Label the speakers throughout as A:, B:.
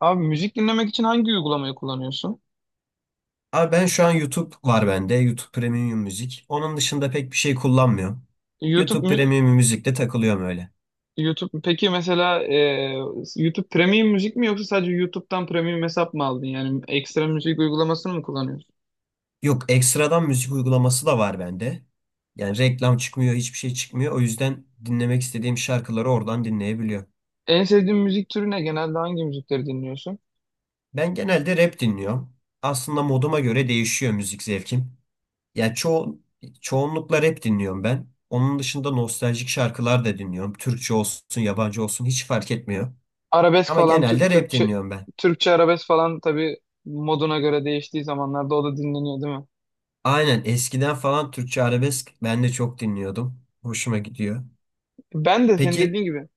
A: Abi müzik dinlemek için hangi uygulamayı kullanıyorsun?
B: Abi ben şu an YouTube var bende. YouTube Premium Müzik. Onun dışında pek bir şey kullanmıyorum.
A: YouTube
B: YouTube
A: mü?
B: Premium Müzik'te takılıyorum öyle.
A: YouTube peki mesela YouTube Premium müzik mi yoksa sadece YouTube'dan Premium hesap mı aldın? Yani ekstra müzik uygulamasını mı kullanıyorsun?
B: Yok ekstradan müzik uygulaması da var bende. Yani reklam çıkmıyor, hiçbir şey çıkmıyor. O yüzden dinlemek istediğim şarkıları oradan dinleyebiliyorum.
A: En sevdiğin müzik türü ne? Genelde hangi müzikleri dinliyorsun?
B: Ben genelde rap dinliyorum. Aslında moduma göre değişiyor müzik zevkim. Ya çoğu Çoğunlukla rap dinliyorum ben. Onun dışında nostaljik şarkılar da dinliyorum. Türkçe olsun, yabancı olsun hiç fark etmiyor.
A: Arabesk
B: Ama
A: falan
B: genelde rap
A: Türkçe
B: dinliyorum ben.
A: Türkçe arabesk falan tabii moduna göre değiştiği zamanlarda o da dinleniyor değil mi?
B: Aynen eskiden falan Türkçe arabesk ben de çok dinliyordum. Hoşuma gidiyor.
A: Ben de senin
B: Peki
A: dediğin gibi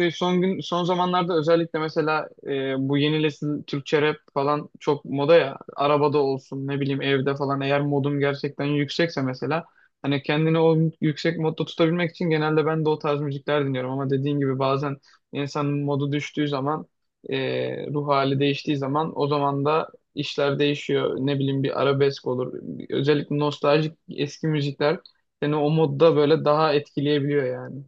A: şey, son gün son zamanlarda özellikle mesela bu yeni nesil Türkçe rap falan çok moda ya. Arabada olsun ne bileyim evde falan eğer modum gerçekten yüksekse mesela hani kendini o yüksek modda tutabilmek için genelde ben de o tarz müzikler dinliyorum ama dediğin gibi bazen insanın modu düştüğü zaman ruh hali değiştiği zaman o zaman da işler değişiyor. Ne bileyim bir arabesk olur. Özellikle nostaljik eski müzikler seni o modda böyle daha etkileyebiliyor yani.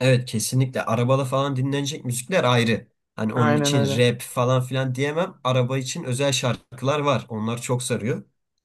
B: evet, kesinlikle arabada falan dinlenecek müzikler ayrı. Hani onun
A: Aynen
B: için
A: öyle.
B: rap falan filan diyemem. Araba için özel şarkılar var. Onlar çok sarıyor.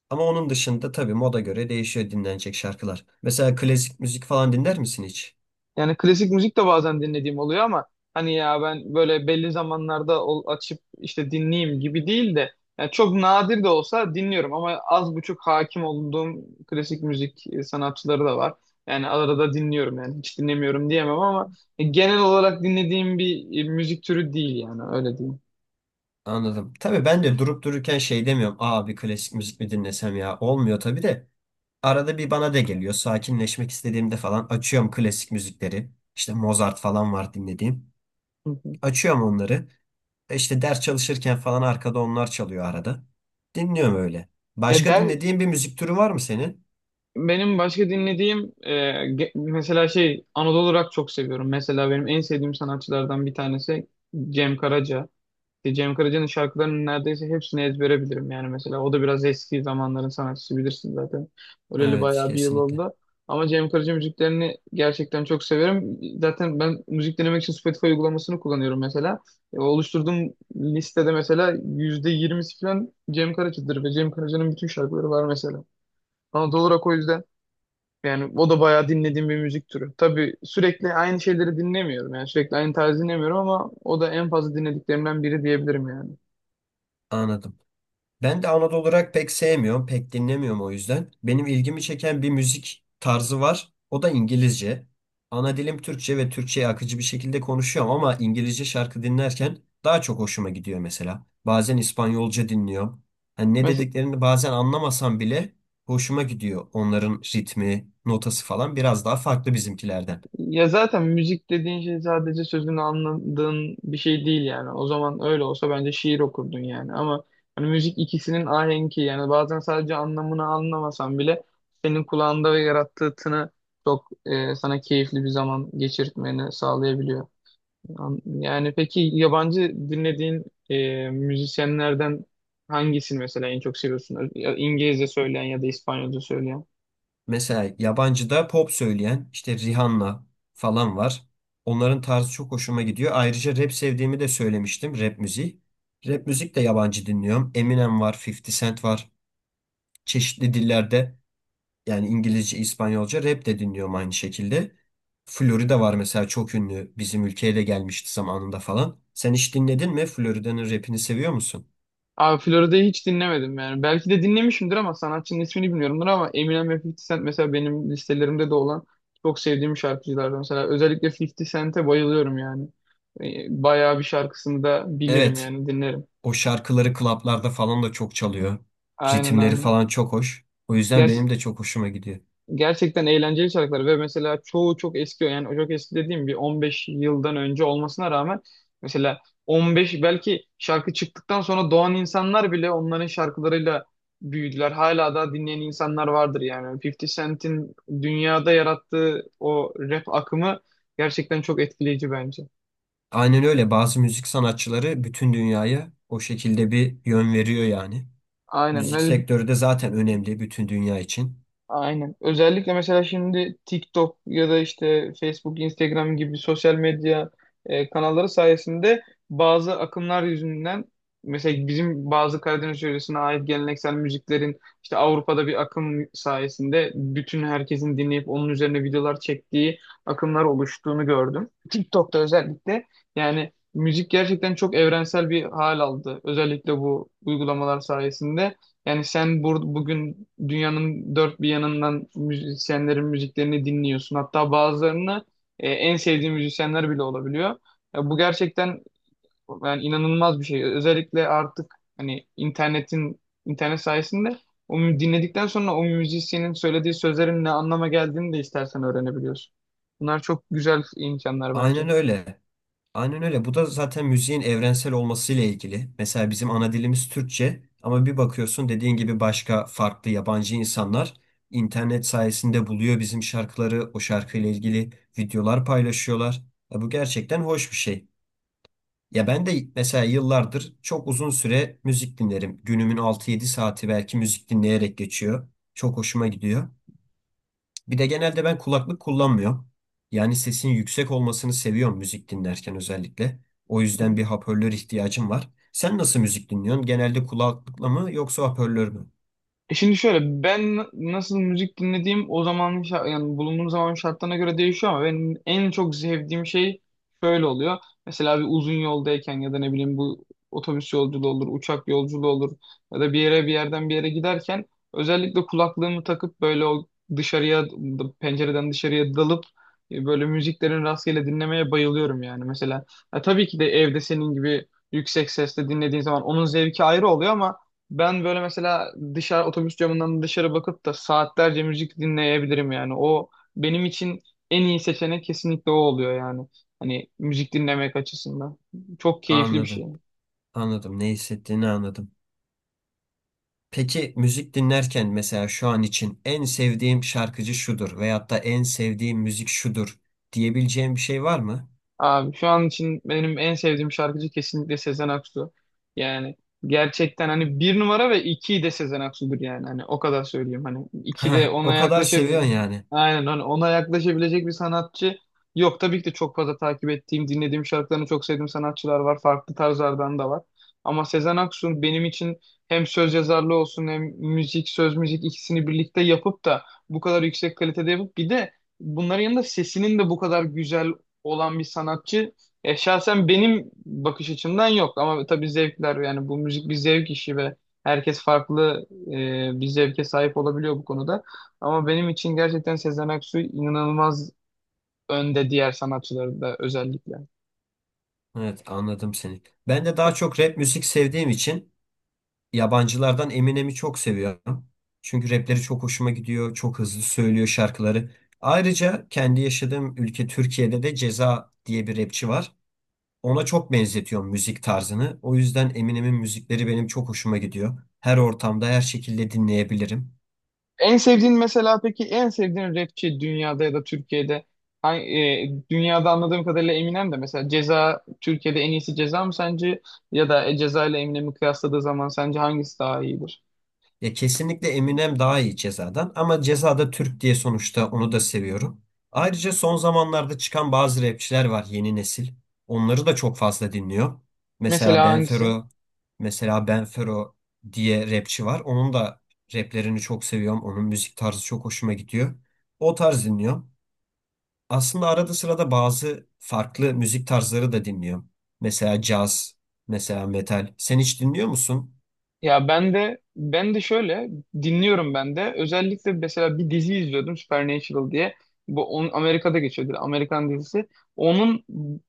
B: Ama onun dışında tabii moda göre değişiyor dinlenecek şarkılar. Mesela klasik müzik falan dinler misin hiç?
A: Yani klasik müzik de bazen dinlediğim oluyor ama hani ya ben böyle belli zamanlarda açıp işte dinleyeyim gibi değil de yani çok nadir de olsa dinliyorum ama az buçuk hakim olduğum klasik müzik sanatçıları da var. Yani arada dinliyorum yani hiç dinlemiyorum diyemem ama genel olarak dinlediğim bir müzik türü değil yani öyle diyeyim.
B: Anladım. Tabii ben de durup dururken şey demiyorum. Aa, bir klasik müzik mi dinlesem ya? Olmuyor tabii de. Arada bir bana da geliyor. Sakinleşmek istediğimde falan açıyorum klasik müzikleri. İşte Mozart falan var dinlediğim.
A: Hı hı.
B: Açıyorum onları. İşte ders çalışırken falan arkada onlar çalıyor arada. Dinliyorum öyle.
A: Ya
B: Başka
A: der
B: dinlediğin bir müzik türü var mı senin?
A: Benim başka dinlediğim mesela şey Anadolu rock çok seviyorum. Mesela benim en sevdiğim sanatçılardan bir tanesi Cem Karaca. İşte Cem Karaca'nın şarkılarının neredeyse hepsini ezbere bilirim. Yani mesela o da biraz eski zamanların sanatçısı bilirsin zaten. Öleli
B: Evet,
A: bayağı bir yıl
B: kesinlikle.
A: oldu. Ama Cem Karaca müziklerini gerçekten çok severim. Zaten ben müzik dinlemek için Spotify uygulamasını kullanıyorum mesela. Oluşturduğum listede mesela %20'si falan Cem Karaca'dır ve Cem Karaca'nın bütün şarkıları var mesela. Ama doğal olarak o yüzden yani o da bayağı dinlediğim bir müzik türü. Tabii sürekli aynı şeyleri dinlemiyorum yani sürekli aynı tarzı dinlemiyorum ama o da en fazla dinlediklerimden biri diyebilirim yani.
B: Anladım. Ben de Anadolu olarak pek sevmiyorum, pek dinlemiyorum o yüzden. Benim ilgimi çeken bir müzik tarzı var. O da İngilizce. Ana dilim Türkçe ve Türkçe'yi akıcı bir şekilde konuşuyorum ama İngilizce şarkı dinlerken daha çok hoşuma gidiyor mesela. Bazen İspanyolca dinliyorum. Hani ne
A: Mesela,
B: dediklerini bazen anlamasam bile hoşuma gidiyor. Onların ritmi, notası falan biraz daha farklı bizimkilerden.
A: ya zaten müzik dediğin şey sadece sözünü anladığın bir şey değil yani. O zaman öyle olsa bence şiir okurdun yani. Ama hani müzik ikisinin ahenki yani bazen sadece anlamını anlamasan bile senin kulağında ve yarattığı tını çok sana keyifli bir zaman geçirtmeni sağlayabiliyor. Yani peki yabancı dinlediğin müzisyenlerden hangisini mesela en çok seviyorsun? Ya İngilizce söyleyen ya da İspanyolca söyleyen?
B: Mesela yabancıda pop söyleyen işte Rihanna falan var. Onların tarzı çok hoşuma gidiyor. Ayrıca rap sevdiğimi de söylemiştim. Rap müziği. Rap müzik de yabancı dinliyorum. Eminem var, 50 Cent var. Çeşitli dillerde yani İngilizce, İspanyolca rap de dinliyorum aynı şekilde. Florida var mesela, çok ünlü. Bizim ülkeye de gelmişti zamanında falan. Sen hiç dinledin mi? Florida'nın rapini seviyor musun?
A: Abi Florida'yı hiç dinlemedim yani. Belki de dinlemişimdir ama sanatçının ismini bilmiyorumdur ama Eminem ve 50 Cent mesela benim listelerimde de olan çok sevdiğim şarkıcılardan. Mesela özellikle 50 Cent'e bayılıyorum yani. Bayağı bir şarkısını da bilirim
B: Evet.
A: yani dinlerim.
B: O şarkıları klaplarda falan da çok çalıyor.
A: Aynen
B: Ritimleri
A: aynen.
B: falan çok hoş. O yüzden benim de çok hoşuma gidiyor.
A: Gerçekten eğlenceli şarkılar ve mesela çoğu çok eski yani çok eski dediğim bir 15 yıldan önce olmasına rağmen mesela 15 belki şarkı çıktıktan sonra doğan insanlar bile onların şarkılarıyla büyüdüler. Hala da dinleyen insanlar vardır yani. 50 Cent'in dünyada yarattığı o rap akımı gerçekten çok etkileyici bence.
B: Aynen öyle, bazı müzik sanatçıları bütün dünyaya o şekilde bir yön veriyor yani.
A: Aynen.
B: Müzik sektörü de zaten önemli bütün dünya için.
A: Aynen. Özellikle mesela şimdi TikTok ya da işte Facebook, Instagram gibi sosyal medya kanalları sayesinde bazı akımlar yüzünden mesela bizim bazı Karadeniz yöresine ait geleneksel müziklerin işte Avrupa'da bir akım sayesinde bütün herkesin dinleyip onun üzerine videolar çektiği akımlar oluştuğunu gördüm. TikTok'ta özellikle yani müzik gerçekten çok evrensel bir hal aldı. Özellikle bu uygulamalar sayesinde. Yani sen bugün dünyanın dört bir yanından müzisyenlerin müziklerini dinliyorsun. Hatta bazılarını en sevdiğin müzisyenler bile olabiliyor. Ya bu gerçekten yani inanılmaz bir şey. Özellikle artık hani internet sayesinde dinledikten sonra o müzisyenin söylediği sözlerin ne anlama geldiğini de istersen öğrenebiliyorsun. Bunlar çok güzel imkanlar bence.
B: Aynen öyle. Aynen öyle. Bu da zaten müziğin evrensel olmasıyla ilgili. Mesela bizim ana dilimiz Türkçe ama bir bakıyorsun, dediğin gibi başka farklı yabancı insanlar internet sayesinde buluyor bizim şarkıları, o şarkıyla ilgili videolar paylaşıyorlar. Ya bu gerçekten hoş bir şey. Ya ben de mesela yıllardır çok uzun süre müzik dinlerim. Günümün 6 7 saati belki müzik dinleyerek geçiyor. Çok hoşuma gidiyor. Bir de genelde ben kulaklık kullanmıyorum. Yani sesin yüksek olmasını seviyorum müzik dinlerken özellikle. O yüzden bir hoparlör ihtiyacım var. Sen nasıl müzik dinliyorsun? Genelde kulaklıkla mı yoksa hoparlör mü?
A: Şimdi şöyle ben nasıl müzik dinlediğim o zamanın yani bulunduğum zaman şartlarına göre değişiyor ama benim en çok sevdiğim şey şöyle oluyor. Mesela bir uzun yoldayken ya da ne bileyim bu otobüs yolculuğu olur, uçak yolculuğu olur ya da bir yerden bir yere giderken özellikle kulaklığımı takıp böyle o dışarıya pencereden dışarıya dalıp böyle müziklerin rastgele dinlemeye bayılıyorum yani mesela. Ya tabii ki de evde senin gibi yüksek sesle dinlediğin zaman onun zevki ayrı oluyor ama ben böyle mesela dışarı otobüs camından dışarı bakıp da saatlerce müzik dinleyebilirim yani. O benim için en iyi seçenek kesinlikle o oluyor yani. Hani müzik dinlemek açısından. Çok keyifli bir
B: Anladım.
A: şey.
B: Anladım. Ne hissettiğini anladım. Peki müzik dinlerken mesela, şu an için en sevdiğim şarkıcı şudur veyahut da en sevdiğim müzik şudur diyebileceğim bir şey var mı?
A: Abi şu an için benim en sevdiğim şarkıcı kesinlikle Sezen Aksu. Yani gerçekten hani bir numara ve iki de Sezen Aksu'dur yani. Hani o kadar söyleyeyim. Hani iki de ona
B: O kadar
A: yaklaşabil
B: seviyorsun yani.
A: aynen hani ona yaklaşabilecek bir sanatçı yok. Tabii ki de çok fazla takip ettiğim, dinlediğim şarkılarını çok sevdiğim sanatçılar var. Farklı tarzlardan da var. Ama Sezen Aksu benim için hem söz yazarlığı olsun hem müzik, söz müzik ikisini birlikte yapıp da bu kadar yüksek kalitede yapıp bir de bunların yanında sesinin de bu kadar güzel olan bir sanatçı. Şahsen benim bakış açımdan yok ama tabii zevkler yani bu müzik bir zevk işi ve herkes farklı bir zevke sahip olabiliyor bu konuda. Ama benim için gerçekten Sezen Aksu inanılmaz önde diğer sanatçıları da özellikle.
B: Evet, anladım seni. Ben de daha çok rap müzik sevdiğim için yabancılardan Eminem'i çok seviyorum. Çünkü rapleri çok hoşuma gidiyor. Çok hızlı söylüyor şarkıları. Ayrıca kendi yaşadığım ülke Türkiye'de de Ceza diye bir rapçi var. Ona çok benzetiyorum müzik tarzını. O yüzden Eminem'in müzikleri benim çok hoşuma gidiyor. Her ortamda, her şekilde dinleyebilirim.
A: En sevdiğin mesela peki en sevdiğin rapçi dünyada ya da Türkiye'de hangi, dünyada anladığım kadarıyla Eminem de mesela Ceza Türkiye'de en iyisi Ceza mı sence ya da Ceza ile Eminem'i kıyasladığı zaman sence hangisi daha iyidir?
B: Ya kesinlikle Eminem daha iyi Ceza'dan, ama Ceza'da Türk diye sonuçta onu da seviyorum. Ayrıca son zamanlarda çıkan bazı rapçiler var, yeni nesil. Onları da çok fazla dinliyor. Mesela
A: Mesela hangisi?
B: Benfero, Mesela Benfero diye rapçi var. Onun da raplerini çok seviyorum. Onun müzik tarzı çok hoşuma gidiyor. O tarz dinliyorum. Aslında arada sırada bazı farklı müzik tarzları da dinliyorum. Mesela caz, mesela metal. Sen hiç dinliyor musun?
A: Ya ben de şöyle dinliyorum ben de. Özellikle mesela bir dizi izliyordum Supernatural diye. Bu onun Amerika'da geçiyordu. Amerikan dizisi. Onun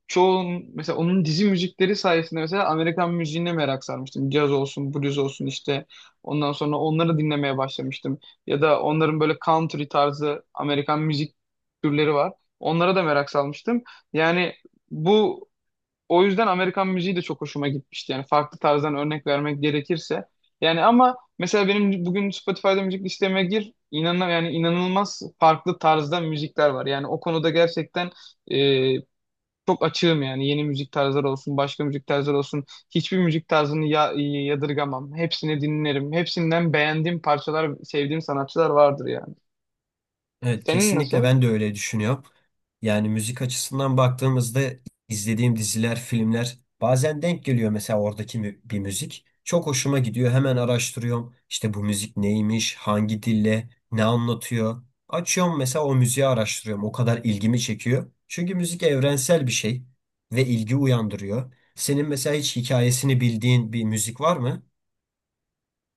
A: mesela onun dizi müzikleri sayesinde mesela Amerikan müziğine merak sarmıştım. Caz olsun, blues olsun işte. Ondan sonra onları dinlemeye başlamıştım. Ya da onların böyle country tarzı Amerikan müzik türleri var. Onlara da merak salmıştım. Yani bu o yüzden Amerikan müziği de çok hoşuma gitmişti. Yani farklı tarzdan örnek vermek gerekirse. Yani ama mesela benim bugün Spotify'da müzik listeme gir. İnanan yani inanılmaz farklı tarzda müzikler var. Yani o konuda gerçekten e, çok açığım yani. Yeni müzik tarzları olsun, başka müzik tarzları olsun. Hiçbir müzik tarzını ya, yadırgamam. Hepsini dinlerim. Hepsinden beğendiğim parçalar, sevdiğim sanatçılar vardır yani.
B: Evet,
A: Senin
B: kesinlikle
A: nasıl?
B: ben de öyle düşünüyorum. Yani müzik açısından baktığımızda izlediğim diziler, filmler bazen denk geliyor, mesela oradaki bir müzik. Çok hoşuma gidiyor. Hemen araştırıyorum. İşte bu müzik neymiş, hangi dille, ne anlatıyor. Açıyorum mesela, o müziği araştırıyorum. O kadar ilgimi çekiyor. Çünkü müzik evrensel bir şey ve ilgi uyandırıyor. Senin mesela hiç hikayesini bildiğin bir müzik var mı?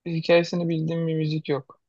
A: Hikayesini bildiğim bir müzik yok.